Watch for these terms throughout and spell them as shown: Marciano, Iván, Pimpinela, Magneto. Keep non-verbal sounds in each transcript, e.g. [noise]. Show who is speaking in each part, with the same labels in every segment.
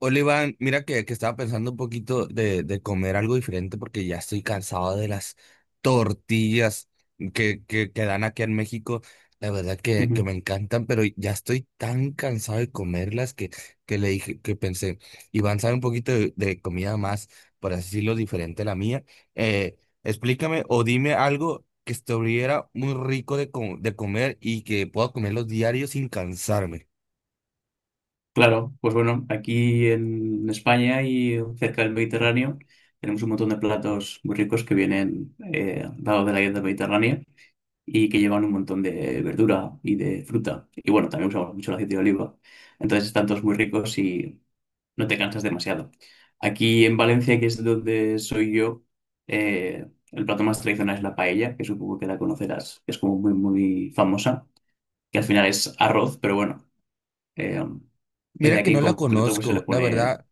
Speaker 1: Hola Iván, mira que estaba pensando un poquito de comer algo diferente porque ya estoy cansado de las tortillas que dan aquí en México. La verdad que
Speaker 2: Ujú.
Speaker 1: me encantan, pero ya estoy tan cansado de comerlas que le dije, que pensé, Iván sabe un poquito de comida más, por así decirlo, diferente a la mía. Eh, Explícame o dime algo que estuviera muy rico de, de comer y que pueda comerlos diarios sin cansarme.
Speaker 2: Claro, pues bueno, aquí en España y cerca del Mediterráneo tenemos un montón de platos muy ricos que vienen dados de la dieta mediterránea y que llevan un montón de verdura y de fruta. Y bueno, también usamos mucho el aceite de oliva. Entonces están todos muy ricos y no te cansas demasiado. Aquí en Valencia, que es donde soy yo, el plato más tradicional es la paella, que supongo que la conocerás, que es como muy, muy famosa, que al final es arroz, pero bueno. Eh, el de
Speaker 1: Mira que
Speaker 2: aquí
Speaker 1: no
Speaker 2: en
Speaker 1: la
Speaker 2: concreto, pues se le
Speaker 1: conozco, la
Speaker 2: pone.
Speaker 1: verdad.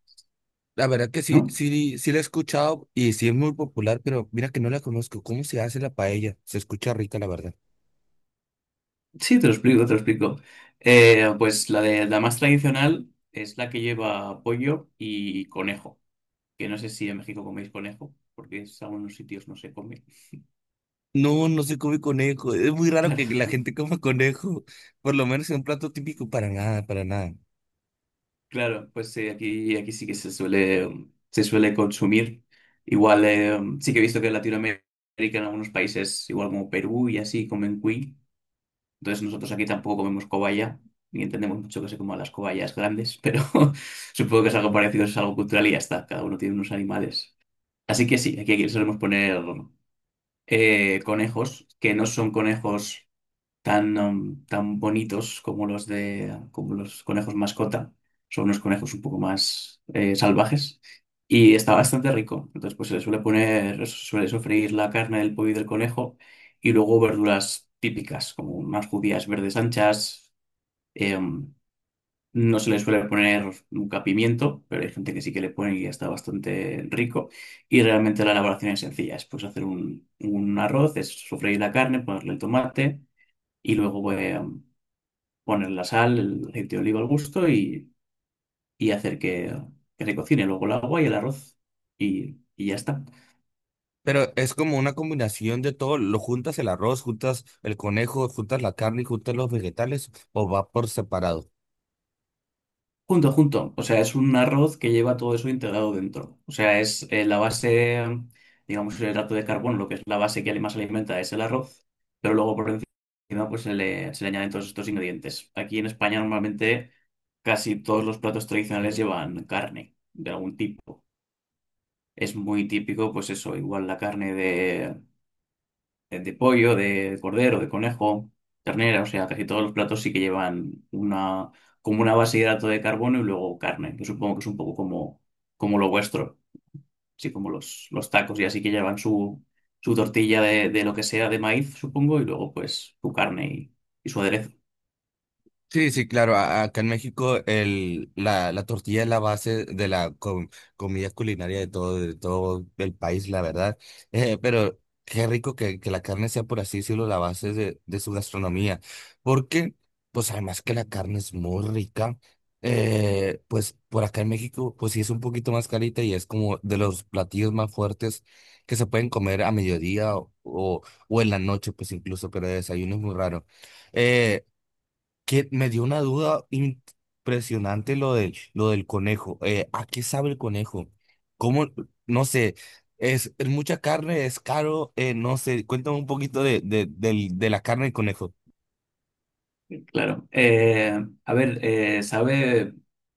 Speaker 1: La verdad que sí,
Speaker 2: ¿No?
Speaker 1: sí, sí la he escuchado y sí es muy popular, pero mira que no la conozco. ¿Cómo se hace la paella? Se escucha rica, la verdad.
Speaker 2: Sí, te lo explico, te lo explico. Pues la de la más tradicional es la que lleva pollo y conejo. Que no sé si en México coméis conejo, porque en algunos sitios no se come. [laughs]
Speaker 1: No, no se come conejo. Es muy raro
Speaker 2: Claro,
Speaker 1: que la gente coma [laughs] conejo, por lo menos en un plato típico, para nada, para nada.
Speaker 2: claro, pues aquí, aquí sí que se suele consumir. Igual sí que he visto que en Latinoamérica, en algunos países, igual como Perú y así, comen cuy. Entonces nosotros aquí tampoco comemos cobaya, ni entendemos mucho que se coman las cobayas grandes, pero [laughs] supongo que es algo parecido, es algo cultural y ya está. Cada uno tiene unos animales. Así que sí, aquí, aquí solemos poner conejos, que no son conejos tan, tan bonitos como como los conejos mascota. Son unos conejos un poco más salvajes. Y está bastante rico. Entonces, pues se le suele poner, se suele sofreír la carne del pollo y del conejo y luego verduras típicas, como unas judías verdes anchas, em, no se le suele poner nunca pimiento, pero hay gente que sí que le pone y está bastante rico. Y realmente la elaboración es sencilla. Es pues hacer un arroz, es sofreír la carne, ponerle el tomate y luego poner la sal, el aceite de oliva al gusto y hacer que se cocine. Luego el agua y el arroz y ya está.
Speaker 1: Pero es como una combinación de todo. Lo juntas el arroz, juntas el conejo, juntas la carne y juntas los vegetales, o va por separado.
Speaker 2: Junto, junto. O sea, es un arroz que lleva todo eso integrado dentro. O sea, es la base, digamos, el hidrato de carbono, lo que es la base que más alimenta es el arroz, pero luego por encima pues se le añaden todos estos ingredientes. Aquí en España normalmente casi todos los platos tradicionales llevan carne de algún tipo. Es muy típico, pues eso, igual la carne de pollo, de cordero, de conejo, ternera, o sea, casi todos los platos sí que llevan una, como una base de hidrato de carbono y luego carne, que supongo que es un poco como, como lo vuestro, así como los tacos, y así que llevan su, su tortilla de lo que sea de maíz, supongo, y luego pues su carne y su aderezo,
Speaker 1: Sí, sí, claro. Acá en México la tortilla es la base de la comida culinaria de todo el país, la verdad. Pero qué rico que la carne sea, por así decirlo, la base de su gastronomía. Porque, pues además que la carne es muy rica, pues por acá en México, pues sí es un poquito más carita y es como de los platillos más fuertes que se pueden comer a mediodía o en la noche, pues incluso, pero de desayuno es muy raro. Eh, que me dio una duda impresionante lo del conejo. ¿A qué sabe el conejo? ¿Cómo? No sé, es mucha carne, es caro, no sé, cuéntame un poquito de la carne del conejo.
Speaker 2: claro. A ver, sabe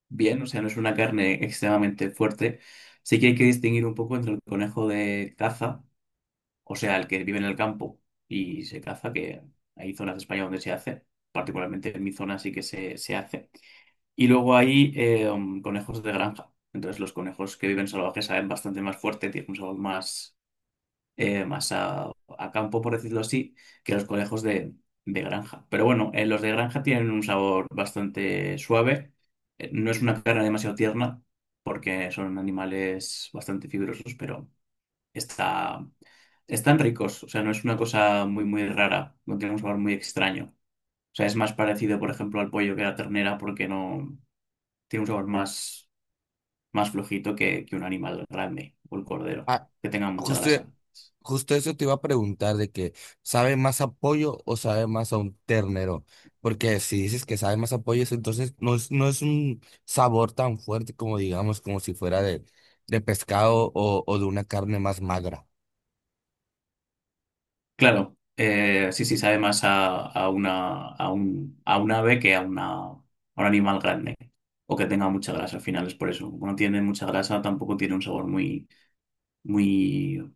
Speaker 2: bien, o sea, no es una carne extremadamente fuerte. Sí que hay que distinguir un poco entre el conejo de caza. O sea, el que vive en el campo y se caza, que hay zonas de España donde se hace, particularmente en mi zona sí que se hace. Y luego hay conejos de granja. Entonces los conejos que viven salvajes saben bastante más fuerte, tienen un sabor más, más a campo, por decirlo así, que los conejos de granja. Pero bueno, los de granja tienen un sabor bastante suave. No es una carne demasiado tierna porque son animales bastante fibrosos, pero está, están ricos, o sea, no es una cosa muy, muy rara, no tiene un sabor muy extraño. O sea, es más parecido, por ejemplo, al pollo que a la ternera porque no tiene un sabor más, más flojito que un animal grande o el cordero,
Speaker 1: Ah,
Speaker 2: que tenga mucha
Speaker 1: justo,
Speaker 2: grasa.
Speaker 1: justo eso te iba a preguntar, de que ¿sabe más a pollo o sabe más a un ternero? Porque si dices que sabe más a pollo, eso entonces no no es un sabor tan fuerte como digamos, como si fuera de pescado o de una carne más magra.
Speaker 2: Claro, sí, sí, sabe más a una, a un ave que una, a un animal grande o que tenga mucha grasa. Al final es por eso. Como no tiene mucha grasa, tampoco tiene un sabor muy, muy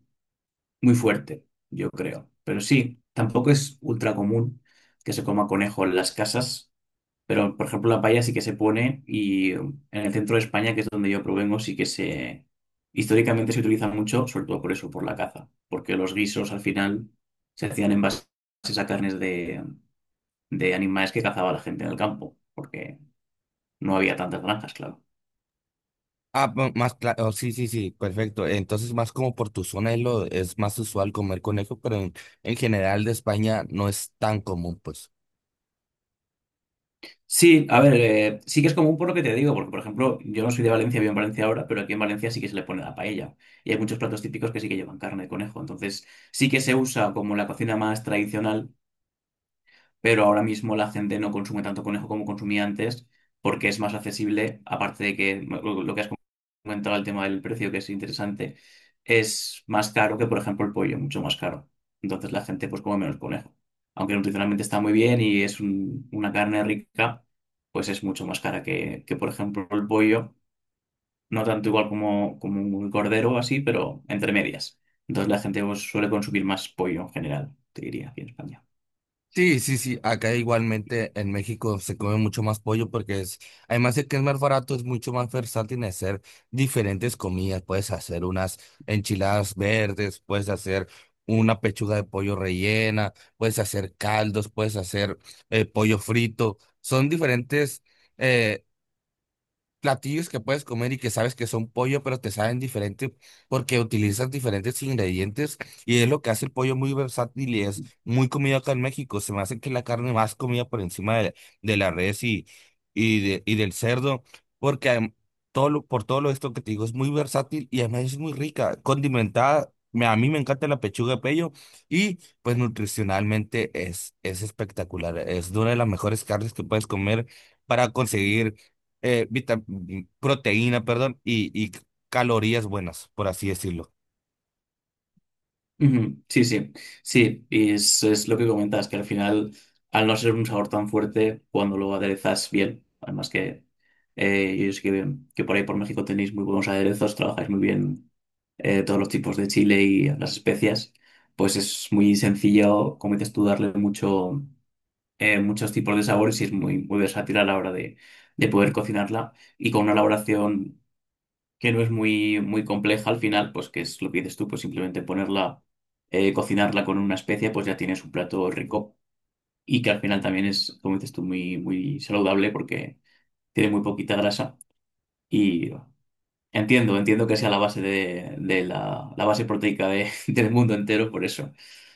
Speaker 2: muy fuerte, yo creo. Pero sí, tampoco es ultra común que se coma conejo en las casas, pero por ejemplo la paella sí que se pone y en el centro de España, que es donde yo provengo, sí que se... Históricamente se utiliza mucho, sobre todo por eso, por la caza, porque los guisos al final se hacían en base a carnes de animales que cazaba la gente en el campo, porque no había tantas granjas, claro.
Speaker 1: Ah, más claro, sí, sí, sí, perfecto. Entonces, más como por tu zona es más usual comer conejo, pero en general de España no es tan común, pues.
Speaker 2: Sí, a ver, sí que es común por lo que te digo, porque por ejemplo, yo no soy de Valencia, vivo en Valencia ahora, pero aquí en Valencia sí que se le pone la paella. Y hay muchos platos típicos que sí que llevan carne de conejo. Entonces, sí que se usa como la cocina más tradicional, pero ahora mismo la gente no consume tanto conejo como consumía antes porque es más accesible, aparte de que lo que has comentado, el tema del precio, que es interesante, es más caro que, por ejemplo, el pollo, mucho más caro. Entonces la gente pues come menos conejo. Aunque nutricionalmente está muy bien y es una carne rica, pues es mucho más cara que, por ejemplo, el pollo. No tanto igual como, como un cordero o así, pero entre medias. Entonces la gente pues, suele consumir más pollo en general, te diría, aquí en España.
Speaker 1: Sí, sí, sí, acá igualmente en México se come mucho más pollo porque es, además de que es más barato, es mucho más versátil en hacer diferentes comidas. Puedes hacer unas enchiladas verdes, puedes hacer una pechuga de pollo rellena, puedes hacer caldos, puedes hacer pollo frito. Son diferentes. eh, Platillos que puedes comer y que sabes que son pollo, pero te saben diferente porque utilizas diferentes ingredientes y es lo que hace el pollo muy versátil y es muy comido acá en México. Se me hace que la carne más comida por encima de la res y del cerdo, porque por todo lo esto que te digo es muy versátil y además es muy rica, condimentada. A mí me encanta la pechuga de pollo y pues nutricionalmente es espectacular. Es una de las mejores carnes que puedes comer para conseguir eh, vita- proteína, perdón, y calorías buenas, por así decirlo.
Speaker 2: Ujú, sí, sí, sí, y es lo que comentas, que al final, al no ser un sabor tan fuerte, cuando lo aderezas bien, además que yo sé que por ahí por México tenéis muy buenos aderezos, trabajáis muy bien todos los tipos de chile y las especias, pues es muy sencillo, como dices tú, darle mucho, muchos tipos de sabores y es muy, muy versátil a la hora de poder cocinarla y con una elaboración que no es muy, muy compleja al final, pues que es lo que dices tú, pues simplemente ponerla, cocinarla con una especia, pues ya tienes un plato rico y que al final también es, como dices tú, muy, muy saludable porque tiene muy poquita grasa y entiendo, entiendo que sea la base de la base proteica de- [laughs] del mundo entero, por eso,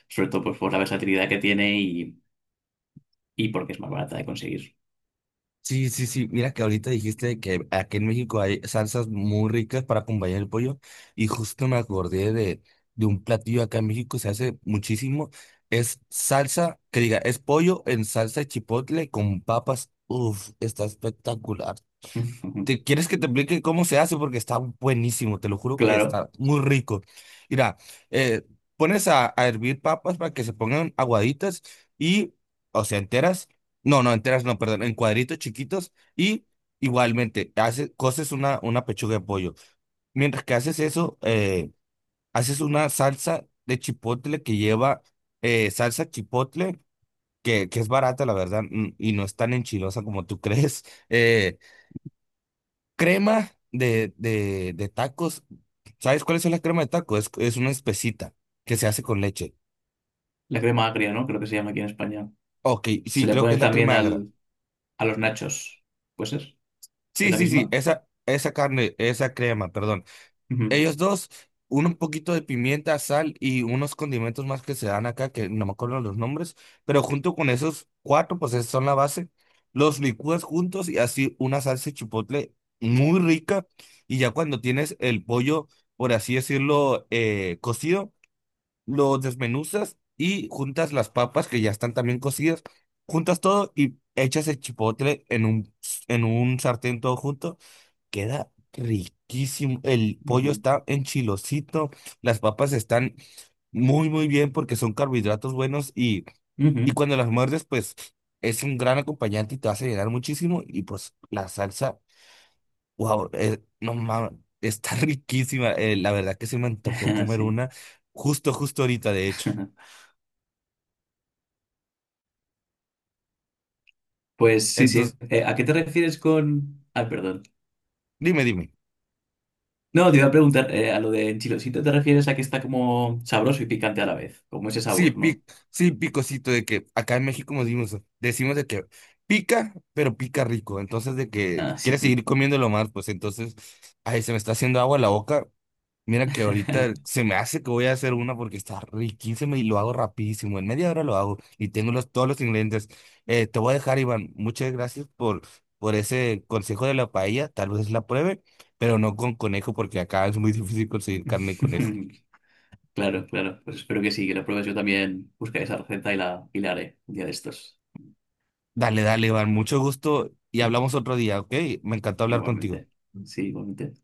Speaker 2: sobre todo pues por la versatilidad que tiene y porque es más barata de conseguir.
Speaker 1: Sí, sí, sí. Mira que ahorita dijiste que aquí en México hay salsas muy ricas para acompañar el pollo y justo me acordé de un platillo acá en México, se hace muchísimo. Es salsa, que diga, es pollo en salsa de chipotle con papas. Uf, está espectacular.
Speaker 2: [laughs]
Speaker 1: ¿Te quieres que te explique cómo se hace? Porque está buenísimo, te lo juro que
Speaker 2: Claro,
Speaker 1: está muy rico. Mira, eh, pones a hervir papas para que se pongan aguaditas y, o sea, enteras. No, no, enteras, no, perdón, en cuadritos chiquitos y igualmente haces, coces una pechuga de pollo. Mientras que haces eso, haces una salsa de chipotle que lleva salsa chipotle, que es barata, la verdad, y no es tan enchilosa como tú [laughs] crees. Eh, Crema de, de tacos. ¿Sabes cuál es la crema de tacos? Es una espesita que se hace con leche.
Speaker 2: la crema agria, ¿no? Creo que se llama aquí en España.
Speaker 1: Ok,
Speaker 2: Se
Speaker 1: sí,
Speaker 2: le
Speaker 1: creo que
Speaker 2: pone
Speaker 1: es la
Speaker 2: también
Speaker 1: crema agra.
Speaker 2: al, a los nachos, pues es. ¿Es
Speaker 1: Sí,
Speaker 2: la
Speaker 1: sí, sí,
Speaker 2: misma?
Speaker 1: esa carne, esa crema, perdón.
Speaker 2: Ujú,
Speaker 1: Ellos dos, uno un poquito de pimienta, sal y unos condimentos más que se dan acá, que no me acuerdo los nombres, pero junto con esos cuatro, pues esos son la base. Los licúas juntos y así una salsa de chipotle muy rica. Y ya cuando tienes el pollo, por así decirlo, cocido, lo desmenuzas y juntas las papas que ya están también cocidas, juntas todo y echas el chipotle en un sartén todo junto. Queda riquísimo. El pollo
Speaker 2: ujú,
Speaker 1: está enchilosito, las papas están muy, muy bien porque son carbohidratos buenos y
Speaker 2: ujú.
Speaker 1: cuando las muerdes, pues es un gran acompañante y te vas a llenar muchísimo. Y pues la salsa, wow, no mames, está [laughs] riquísima. La verdad que se me antojó
Speaker 2: [laughs]
Speaker 1: comer
Speaker 2: Sí.
Speaker 1: una justo, justo ahorita, de hecho.
Speaker 2: [laughs] Pues sí, sí.
Speaker 1: Entonces,
Speaker 2: ¿A qué te refieres con...? Ah, perdón.
Speaker 1: dime, dime.
Speaker 2: No, te iba a preguntar, a lo de enchilosito te refieres a que está como sabroso y picante a la vez, como ese
Speaker 1: Sí,
Speaker 2: sabor, ¿no?
Speaker 1: sí, picosito de que acá en México decimos de que pica, pero pica rico. Entonces, de que
Speaker 2: Ah,
Speaker 1: quieres seguir
Speaker 2: sí.
Speaker 1: comiéndolo más, pues entonces, ay, se me está haciendo agua la boca. Mira que ahorita
Speaker 2: [laughs]
Speaker 1: se me hace que voy a hacer una porque está riquísima y lo hago rapidísimo. En media hora lo hago y tengo todos los ingredientes. Te voy a dejar, Iván. Muchas gracias por ese consejo de la paella. Tal vez la pruebe, pero no con conejo porque acá es muy difícil conseguir carne y conejo.
Speaker 2: Claro, claro. Pues espero que sí, que lo pruebes. Yo también buscaré esa receta y la haré un día de estos.
Speaker 1: Dale, dale, Iván, mucho gusto y hablamos otro día, ¿ok? Me encantó hablar contigo.
Speaker 2: Igualmente. Sí, igualmente.